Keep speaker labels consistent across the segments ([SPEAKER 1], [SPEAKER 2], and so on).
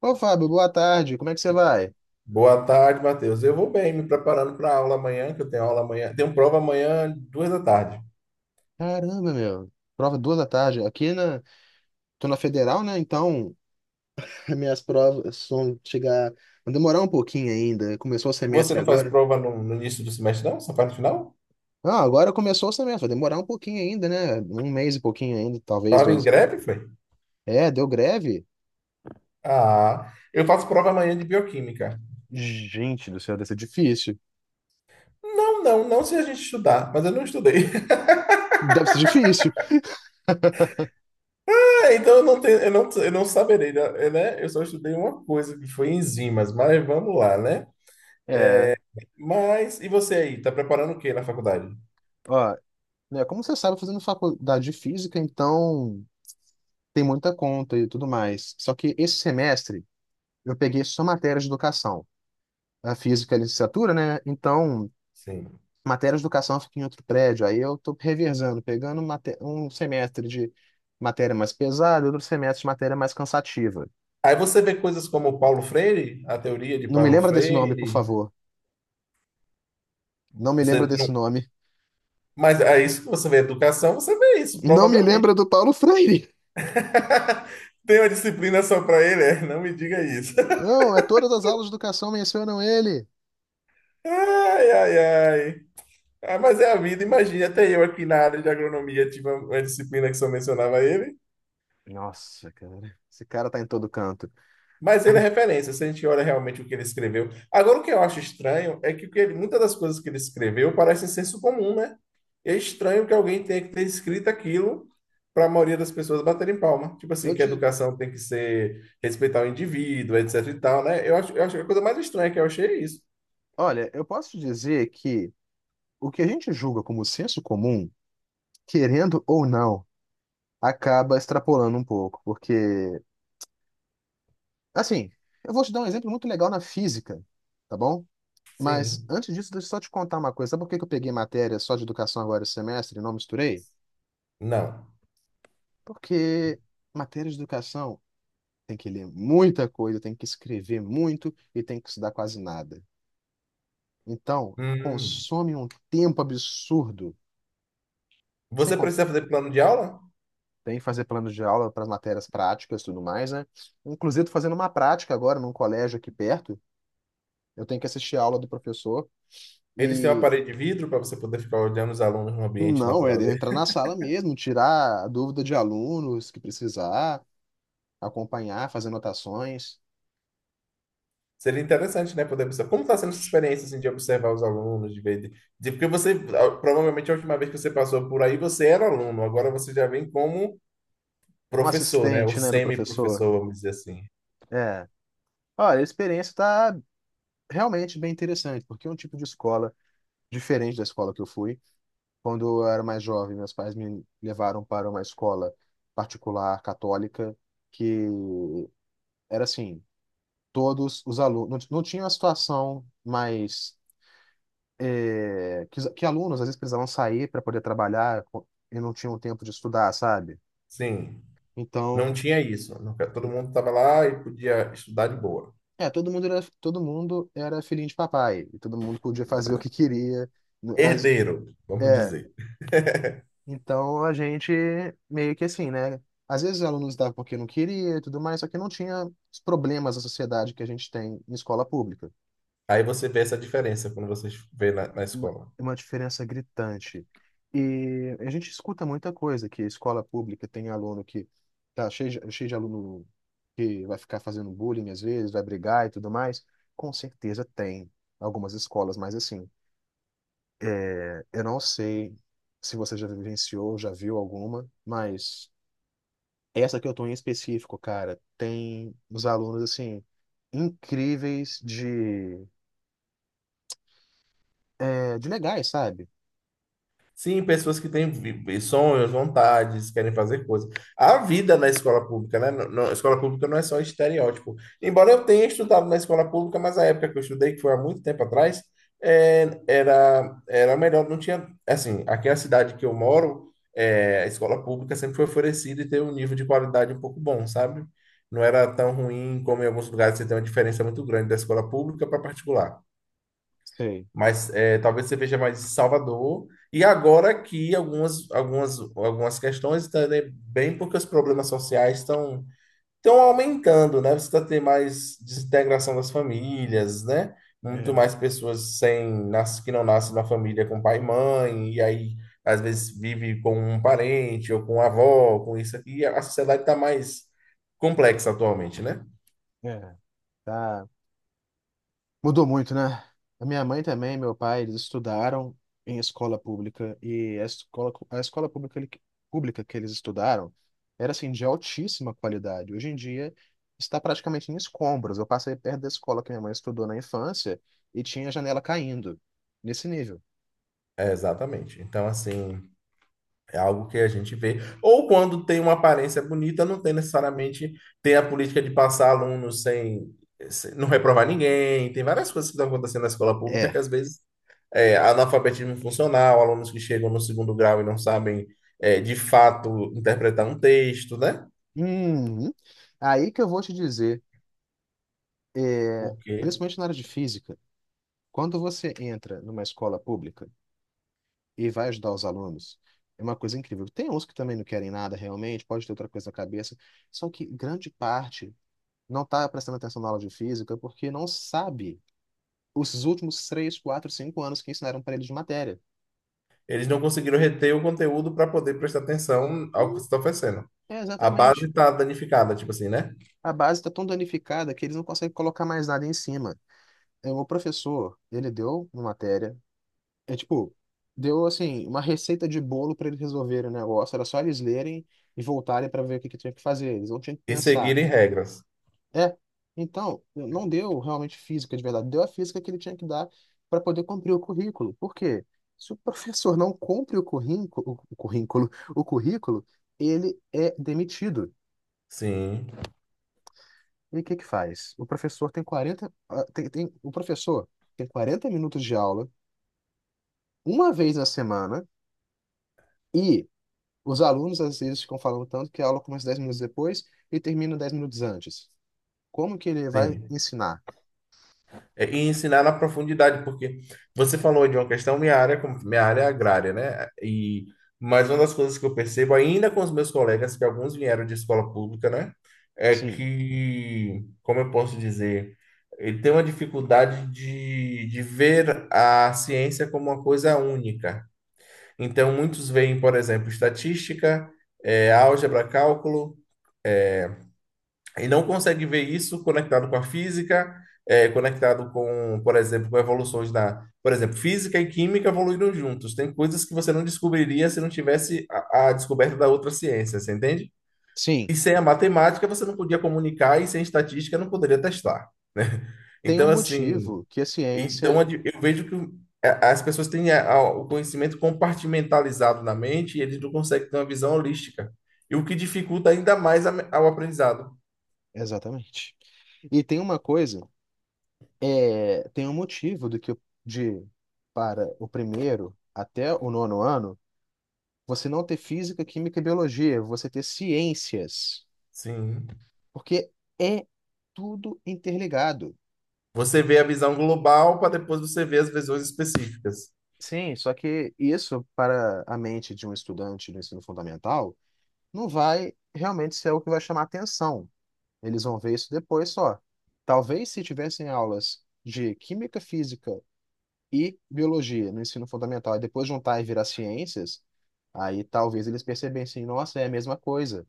[SPEAKER 1] Ô, Fábio, boa tarde. Como é que você vai?
[SPEAKER 2] Boa tarde, Matheus. Eu vou bem, me preparando para a aula amanhã, que eu tenho aula amanhã. Tenho prova amanhã, duas da tarde.
[SPEAKER 1] Caramba, meu. Prova duas da tarde. Aqui na. Tô na Federal, né? Então, minhas provas vão chegar. Vão demorar um pouquinho ainda. Começou o
[SPEAKER 2] Você
[SPEAKER 1] semestre
[SPEAKER 2] não faz
[SPEAKER 1] agora.
[SPEAKER 2] prova no início do semestre, não? Só faz no final?
[SPEAKER 1] Ah, agora começou o semestre. Vai demorar um pouquinho ainda, né? Um mês e pouquinho ainda, talvez
[SPEAKER 2] Tava em
[SPEAKER 1] dois.
[SPEAKER 2] greve, foi?
[SPEAKER 1] É, deu greve?
[SPEAKER 2] Ah, eu faço prova amanhã de bioquímica.
[SPEAKER 1] Gente do céu, deve ser difícil.
[SPEAKER 2] Não, não, não se a gente estudar, mas eu não estudei.
[SPEAKER 1] Deve ser difícil.
[SPEAKER 2] É, então eu não saberei, né? É, né? Eu só estudei uma coisa, que foi enzimas, mas vamos lá, né?
[SPEAKER 1] É,
[SPEAKER 2] Mas, e você aí, tá preparando o quê na faculdade?
[SPEAKER 1] ó, né, como você sabe, eu tô fazendo faculdade de física, então tem muita conta e tudo mais. Só que esse semestre eu peguei só matérias de educação. A física, a licenciatura, né? Então,
[SPEAKER 2] Sim.
[SPEAKER 1] matérias de educação fica em outro prédio. Aí eu tô revezando, pegando um semestre de matéria mais pesada, outro semestre de matéria mais cansativa.
[SPEAKER 2] Aí você vê coisas como Paulo Freire, a teoria de
[SPEAKER 1] Não me
[SPEAKER 2] Paulo
[SPEAKER 1] lembra desse nome, por
[SPEAKER 2] Freire.
[SPEAKER 1] favor. Não me
[SPEAKER 2] Você
[SPEAKER 1] lembra desse
[SPEAKER 2] não...
[SPEAKER 1] nome.
[SPEAKER 2] Mas é isso que você vê educação, você vê isso,
[SPEAKER 1] Não me
[SPEAKER 2] provavelmente.
[SPEAKER 1] lembra do Paulo Freire.
[SPEAKER 2] Tem uma disciplina só para ele? É, não me diga isso.
[SPEAKER 1] Não, é todas as aulas de educação mencionam ele.
[SPEAKER 2] Ai, ai, ai. Ah, mas é a vida, imagina, até eu aqui na área de agronomia tive uma disciplina que só mencionava ele.
[SPEAKER 1] Nossa, cara, esse cara tá em todo canto.
[SPEAKER 2] Mas ele é referência, se a gente olha realmente o que ele escreveu. Agora, o que eu acho estranho é que, muitas das coisas que ele escreveu parecem senso comum, né? É estranho que alguém tenha que ter escrito aquilo para a maioria das pessoas baterem palma. Tipo
[SPEAKER 1] Eu
[SPEAKER 2] assim, que a
[SPEAKER 1] te,
[SPEAKER 2] educação tem que ser respeitar o indivíduo, etc e tal, né? Eu acho que a coisa mais estranha que eu achei é isso.
[SPEAKER 1] olha, eu posso te dizer que o que a gente julga como senso comum, querendo ou não, acaba extrapolando um pouco, porque, assim, eu vou te dar um exemplo muito legal na física, tá bom? Mas
[SPEAKER 2] Sim.
[SPEAKER 1] antes disso, deixa eu só te contar uma coisa. Sabe por que que eu peguei matéria só de educação agora esse semestre e não misturei?
[SPEAKER 2] Não.
[SPEAKER 1] Porque matéria de educação tem que ler muita coisa, tem que escrever muito e tem que estudar quase nada. Então,
[SPEAKER 2] Hum.
[SPEAKER 1] consome um tempo absurdo. Sem
[SPEAKER 2] Você
[SPEAKER 1] con-
[SPEAKER 2] precisa fazer plano de aula?
[SPEAKER 1] Tem que fazer planos de aula para as matérias práticas e tudo mais, né? Inclusive, tô fazendo uma prática agora num colégio aqui perto. Eu tenho que assistir a aula do professor.
[SPEAKER 2] Eles têm uma
[SPEAKER 1] e
[SPEAKER 2] parede de vidro para você poder ficar olhando os alunos no ambiente
[SPEAKER 1] Não, é
[SPEAKER 2] natural.
[SPEAKER 1] entrar na sala mesmo, tirar a dúvida de alunos que precisar, acompanhar, fazer anotações.
[SPEAKER 2] Seria interessante, né, poder observar. Como está sendo essa experiência, assim, de observar os alunos, de ver... porque você, ah, provavelmente, a última vez que você passou por aí, você era aluno. Agora você já vem como
[SPEAKER 1] Um
[SPEAKER 2] professor, né? Ou
[SPEAKER 1] assistente, né, do professor.
[SPEAKER 2] semi-professor, vamos dizer assim.
[SPEAKER 1] É. Olha, a experiência está realmente bem interessante, porque é um tipo de escola diferente da escola que eu fui. Quando eu era mais jovem, meus pais me levaram para uma escola particular católica, que era assim, todos os alunos, não, não tinha uma situação mais que alunos às vezes precisavam sair para poder trabalhar e não tinham tempo de estudar, sabe?
[SPEAKER 2] Sim, não
[SPEAKER 1] Então,
[SPEAKER 2] tinha isso. Todo mundo estava lá e podia estudar de boa.
[SPEAKER 1] todo mundo era filhinho de papai, e todo mundo podia fazer o que queria. No- As,
[SPEAKER 2] Herdeiro, vamos
[SPEAKER 1] é,
[SPEAKER 2] dizer.
[SPEAKER 1] então a gente meio que assim, né? Às vezes os alunos davam porque não queria e tudo mais, só que não tinha os problemas da sociedade que a gente tem em escola pública.
[SPEAKER 2] Aí você vê essa diferença quando você vê na
[SPEAKER 1] uma,
[SPEAKER 2] escola.
[SPEAKER 1] uma diferença gritante. E a gente escuta muita coisa, que escola pública tem aluno que tá cheio de aluno que vai ficar fazendo bullying às vezes, vai brigar e tudo mais. Com certeza tem algumas escolas, mas assim, eu não sei se você já vivenciou, já viu alguma, mas essa que eu tô em específico, cara, tem uns alunos assim incríveis de legais, sabe?
[SPEAKER 2] Sim, pessoas que têm sonhos, vontades, querem fazer coisas. A vida na escola pública, né? A escola pública não é só estereótipo. Embora eu tenha estudado na escola pública, mas a época que eu estudei, que foi há muito tempo atrás, é, era melhor, não tinha. Assim, aqui na cidade que eu moro, é, a escola pública sempre foi oferecida e teve um nível de qualidade um pouco bom, sabe? Não era tão ruim como em alguns lugares você tem uma diferença muito grande da escola pública para particular.
[SPEAKER 1] Sei.
[SPEAKER 2] Mas é, talvez você veja mais Salvador. E agora aqui algumas questões também, bem porque os problemas sociais estão aumentando, né? Você está tendo mais desintegração das famílias, né? Muito
[SPEAKER 1] É,
[SPEAKER 2] mais pessoas sem nas- que não nascem na família com pai e mãe, e aí às vezes vive com um parente ou com uma avó, com isso aqui. A sociedade está mais complexa atualmente, né?
[SPEAKER 1] é. Tá. Mudou muito, né? A minha mãe também, meu pai, eles estudaram em escola pública e a escola pública, pública que eles estudaram era assim de altíssima qualidade. Hoje em dia está praticamente em escombros. Eu passei perto da escola que minha mãe estudou na infância e tinha a janela caindo nesse nível.
[SPEAKER 2] É, exatamente. Então, assim. É algo que a gente vê. Ou quando tem uma aparência bonita, não tem necessariamente, tem a política de passar alunos não reprovar ninguém. Tem várias coisas que estão acontecendo na escola pública que
[SPEAKER 1] É.
[SPEAKER 2] às vezes é analfabetismo funcional, alunos que chegam no segundo grau e não sabem é, de fato interpretar um texto, né?
[SPEAKER 1] Uhum. Aí que eu vou te dizer,
[SPEAKER 2] Porque
[SPEAKER 1] principalmente na área de física, quando você entra numa escola pública e vai ajudar os alunos. É uma coisa incrível. Tem uns que também não querem nada realmente, pode ter outra coisa na cabeça, só que grande parte não está prestando atenção na aula de física porque não sabe os últimos 3, 4, 5 anos que ensinaram para eles de matéria.
[SPEAKER 2] eles não conseguiram reter o conteúdo para poder prestar atenção ao que
[SPEAKER 1] Hum,
[SPEAKER 2] se está oferecendo.
[SPEAKER 1] é
[SPEAKER 2] A base
[SPEAKER 1] exatamente.
[SPEAKER 2] está danificada, tipo assim, né?
[SPEAKER 1] A base está tão danificada que eles não conseguem colocar mais nada em cima. É, o professor, ele deu uma matéria, é tipo, deu assim, uma receita de bolo para eles resolverem o negócio, era só eles lerem e voltarem para ver o que que tinha que fazer. Eles não tinham que
[SPEAKER 2] E
[SPEAKER 1] pensar.
[SPEAKER 2] seguirem regras.
[SPEAKER 1] É, então, não deu realmente física de verdade, deu a física que ele tinha que dar para poder cumprir o currículo. Por quê? Se o professor não cumpre o currículo, o currículo, ele é demitido.
[SPEAKER 2] Sim,
[SPEAKER 1] E o que que faz? O professor tem 40 ah, tem, tem- o professor tem 40 minutos de aula uma vez na semana e os alunos às vezes ficam falando tanto que a aula começa 10 minutos depois e termina 10 minutos antes. Como que ele vai
[SPEAKER 2] sim.
[SPEAKER 1] ensinar?
[SPEAKER 2] É, e ensinar na profundidade, porque você falou de uma questão, minha área, minha área é agrária, né? E mas uma das coisas que eu percebo, ainda com os meus colegas, que alguns vieram de escola pública, né? É
[SPEAKER 1] Sim.
[SPEAKER 2] que, como eu posso dizer, ele tem uma dificuldade de ver a ciência como uma coisa única. Então, muitos veem, por exemplo, estatística, eh, álgebra, cálculo e não consegue ver isso conectado com a física, é, conectado com, por exemplo, com evoluções da, por exemplo, física e química evoluíram juntos. Tem coisas que você não descobriria se não tivesse a descoberta da outra ciência, você entende?
[SPEAKER 1] Sim,
[SPEAKER 2] E sem a matemática você não podia comunicar e sem estatística não poderia testar, né?
[SPEAKER 1] tem um
[SPEAKER 2] Então assim,
[SPEAKER 1] motivo que a ciência.
[SPEAKER 2] eu vejo que as pessoas têm o conhecimento compartimentalizado na mente e eles não conseguem ter uma visão holística. E o que dificulta ainda mais ao aprendizado.
[SPEAKER 1] Exatamente. E tem uma coisa, tem um motivo do que o- de para o primeiro até o nono ano, você não ter física, química e biologia, você ter ciências,
[SPEAKER 2] Sim.
[SPEAKER 1] porque é tudo interligado.
[SPEAKER 2] Você vê a visão global para depois você ver as visões específicas.
[SPEAKER 1] Sim, só que isso para a mente de um estudante do ensino fundamental não vai realmente ser o que vai chamar atenção. Eles vão ver isso depois só. Talvez se tivessem aulas de química, física e biologia no ensino fundamental e depois juntar e virar ciências, aí talvez eles percebessem, nossa, é a mesma coisa.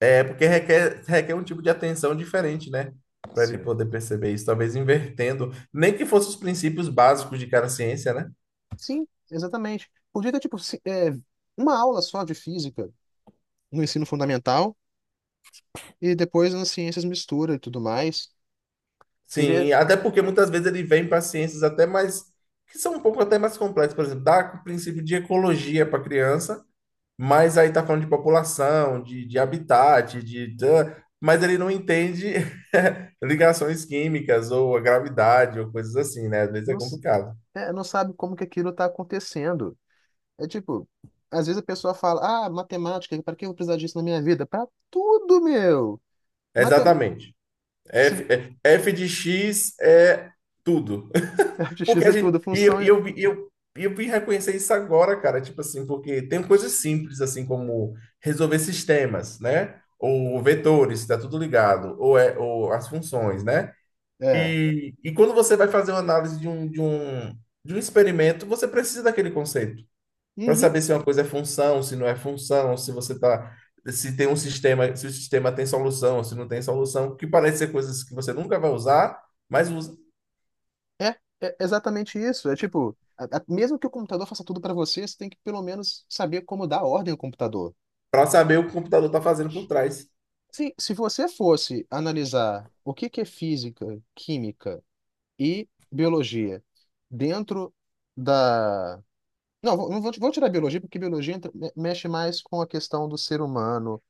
[SPEAKER 2] É porque requer um tipo de atenção diferente, né? Para ele
[SPEAKER 1] Sim.
[SPEAKER 2] poder perceber isso, talvez invertendo, nem que fossem os princípios básicos de cada ciência, né?
[SPEAKER 1] Sim, exatamente. Podia ter, tipo, uma aula só de física no ensino fundamental e depois nas ciências mistura e tudo mais. Seria.
[SPEAKER 2] Sim, até porque muitas vezes ele vem para ciências até mais que são um pouco até mais complexas, por exemplo, dá o princípio de ecologia para a criança. Mas aí tá falando de população, de habitat, de, tã, mas ele não entende ligações químicas ou a gravidade ou coisas assim, né? Às vezes é
[SPEAKER 1] Não,
[SPEAKER 2] complicado.
[SPEAKER 1] não sabe como que aquilo está acontecendo. É tipo. Às vezes a pessoa fala, ah, matemática, para que eu vou precisar disso na minha vida? Para tudo, meu! Matemática.
[SPEAKER 2] Exatamente. F, F de X é tudo. Porque
[SPEAKER 1] X
[SPEAKER 2] a
[SPEAKER 1] é
[SPEAKER 2] gente.
[SPEAKER 1] tudo, função é.
[SPEAKER 2] E eu vim reconhecer isso agora, cara. Tipo assim, porque tem coisas simples, assim, como resolver sistemas, né? Ou vetores, tá tudo ligado. Ou, é, ou as funções, né?
[SPEAKER 1] É.
[SPEAKER 2] E quando você vai fazer uma análise de um experimento, você precisa daquele conceito para
[SPEAKER 1] Uhum.
[SPEAKER 2] saber se uma coisa é função, se não é função, se você tá, se tem um sistema, se o sistema tem solução, se não tem solução, que parece ser coisas que você nunca vai usar, mas usa
[SPEAKER 1] É, é exatamente isso. É tipo, mesmo que o computador faça tudo para você, você tem que pelo menos saber como dar ordem ao computador.
[SPEAKER 2] para saber o que o computador está fazendo por trás
[SPEAKER 1] Se você fosse analisar o que que é física, química e biologia dentro da. Não, vou tirar a biologia, porque biologia mexe mais com a questão do ser humano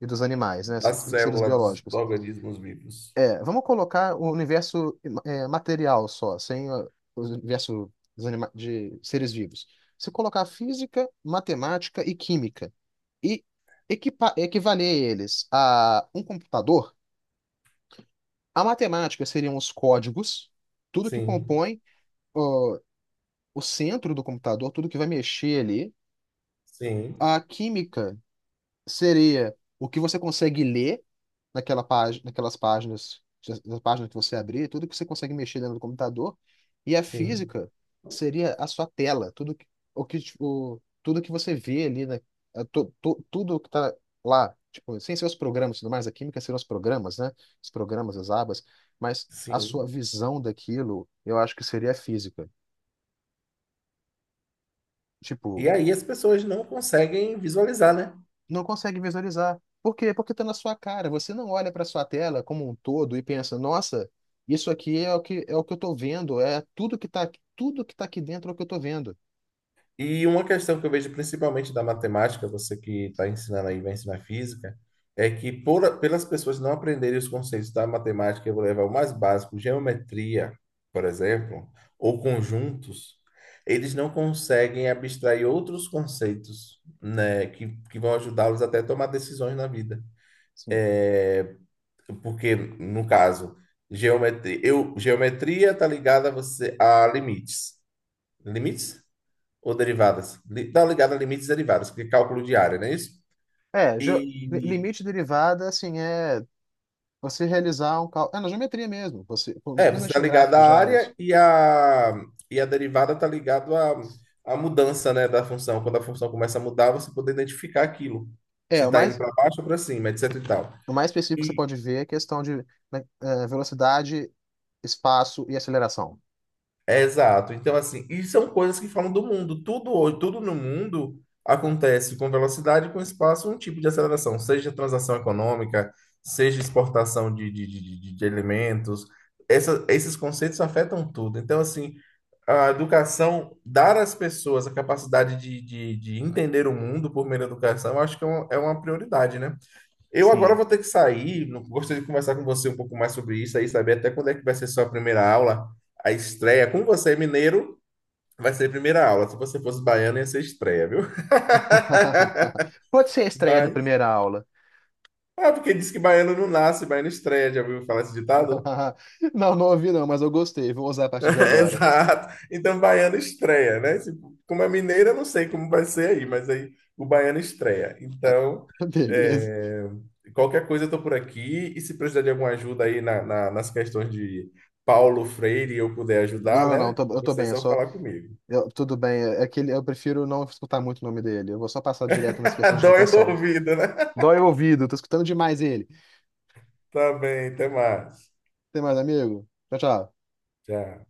[SPEAKER 1] e dos animais, né?
[SPEAKER 2] da
[SPEAKER 1] Dos seres
[SPEAKER 2] célula dos
[SPEAKER 1] biológicos.
[SPEAKER 2] organismos vivos.
[SPEAKER 1] É, vamos colocar o universo material só, sem a- o universo de seres vivos. Se colocar física, matemática e química e equivaler eles a um computador, a matemática seriam os códigos, tudo que
[SPEAKER 2] Sim,
[SPEAKER 1] compõe, ó, o centro do computador, tudo que vai mexer ali.
[SPEAKER 2] sim,
[SPEAKER 1] A química seria o que você consegue ler naquela página, naquelas páginas, na página que você abrir, tudo que você consegue mexer dentro do computador. E a
[SPEAKER 2] sim,
[SPEAKER 1] física seria a sua tela, tudo que, o, tudo que você vê ali, né? É, tudo que está lá, tipo, sem ser os programas e tudo mais, a química seriam os programas, né? Os programas, as abas, mas a
[SPEAKER 2] sim.
[SPEAKER 1] sua visão daquilo, eu acho que seria a física.
[SPEAKER 2] E
[SPEAKER 1] Tipo,
[SPEAKER 2] aí as pessoas não conseguem visualizar, né?
[SPEAKER 1] não consegue visualizar. Por quê? Porque está na sua cara. Você não olha para sua tela como um todo e pensa, nossa, isso aqui é o que eu estou vendo, é tudo que tá aqui dentro é o que eu estou vendo.
[SPEAKER 2] E uma questão que eu vejo principalmente da matemática, você que está ensinando aí, vai ensinar física, é que por, pelas pessoas não aprenderem os conceitos da matemática, eu vou levar o mais básico, geometria, por exemplo, ou conjuntos, eles não conseguem abstrair outros conceitos, né, que vão ajudá-los até a tomar decisões na vida.
[SPEAKER 1] Sim.
[SPEAKER 2] É, porque, no caso, geometria, geometria está ligada a você a limites. Limites? Ou derivadas. Tá ligado a limites e derivadas, porque é cálculo de área, não é isso?
[SPEAKER 1] É, ge- li-
[SPEAKER 2] E
[SPEAKER 1] limite derivada, assim, é você realizar um cálculo. É na geometria mesmo, você,
[SPEAKER 2] é, você
[SPEAKER 1] principalmente
[SPEAKER 2] está
[SPEAKER 1] no
[SPEAKER 2] ligado
[SPEAKER 1] gráfico de
[SPEAKER 2] à
[SPEAKER 1] áreas.
[SPEAKER 2] área e a derivada está ligado à, à mudança, né, da função. Quando a função começa a mudar, você poder identificar aquilo, se
[SPEAKER 1] É,
[SPEAKER 2] está indo para baixo ou para cima, etc e tal.
[SPEAKER 1] o mais específico que você
[SPEAKER 2] E,
[SPEAKER 1] pode ver é a questão de né, velocidade, espaço e aceleração.
[SPEAKER 2] é, exato. Então, assim, e são coisas que falam do mundo. Tudo hoje, tudo no mundo acontece com velocidade, e com espaço, um tipo de aceleração, seja transação econômica, seja exportação de alimentos. Esses conceitos afetam tudo. Então, assim, a educação, dar às pessoas a capacidade de entender o mundo por meio da educação, eu acho que é uma prioridade, né? Eu agora
[SPEAKER 1] Sim.
[SPEAKER 2] vou ter que sair. Gostaria de conversar com você um pouco mais sobre isso aí, saber até quando é que vai ser sua primeira aula. A estreia, como você é mineiro, vai ser primeira aula. Se você fosse baiano, ia ser estreia, viu?
[SPEAKER 1] Pode ser a estreia da
[SPEAKER 2] Mas.
[SPEAKER 1] primeira aula.
[SPEAKER 2] Ah, porque diz que baiano não nasce, baiano estreia. Já ouviu falar esse ditado?
[SPEAKER 1] Não, não ouvi não, mas eu gostei. Vou usar a partir de agora.
[SPEAKER 2] Exato. Então, baiano estreia, né? Como é mineira, eu não sei como vai ser aí, mas aí o baiano estreia. Então,
[SPEAKER 1] Beleza.
[SPEAKER 2] é, qualquer coisa eu tô por aqui. E se precisar de alguma ajuda aí nas questões de Paulo Freire e eu puder ajudar,
[SPEAKER 1] Não, não, não,
[SPEAKER 2] né?
[SPEAKER 1] eu tô
[SPEAKER 2] Você é
[SPEAKER 1] bem, eu
[SPEAKER 2] só
[SPEAKER 1] só.
[SPEAKER 2] falar comigo.
[SPEAKER 1] Tudo bem, eu prefiro não escutar muito o nome dele. Eu vou só passar direto nas questões de
[SPEAKER 2] Dói o
[SPEAKER 1] educação.
[SPEAKER 2] ouvido, né?
[SPEAKER 1] Dói o ouvido, tô escutando demais ele.
[SPEAKER 2] Tá bem, até mais.
[SPEAKER 1] Tem mais, amigo? Tchau, tchau.
[SPEAKER 2] Tchau.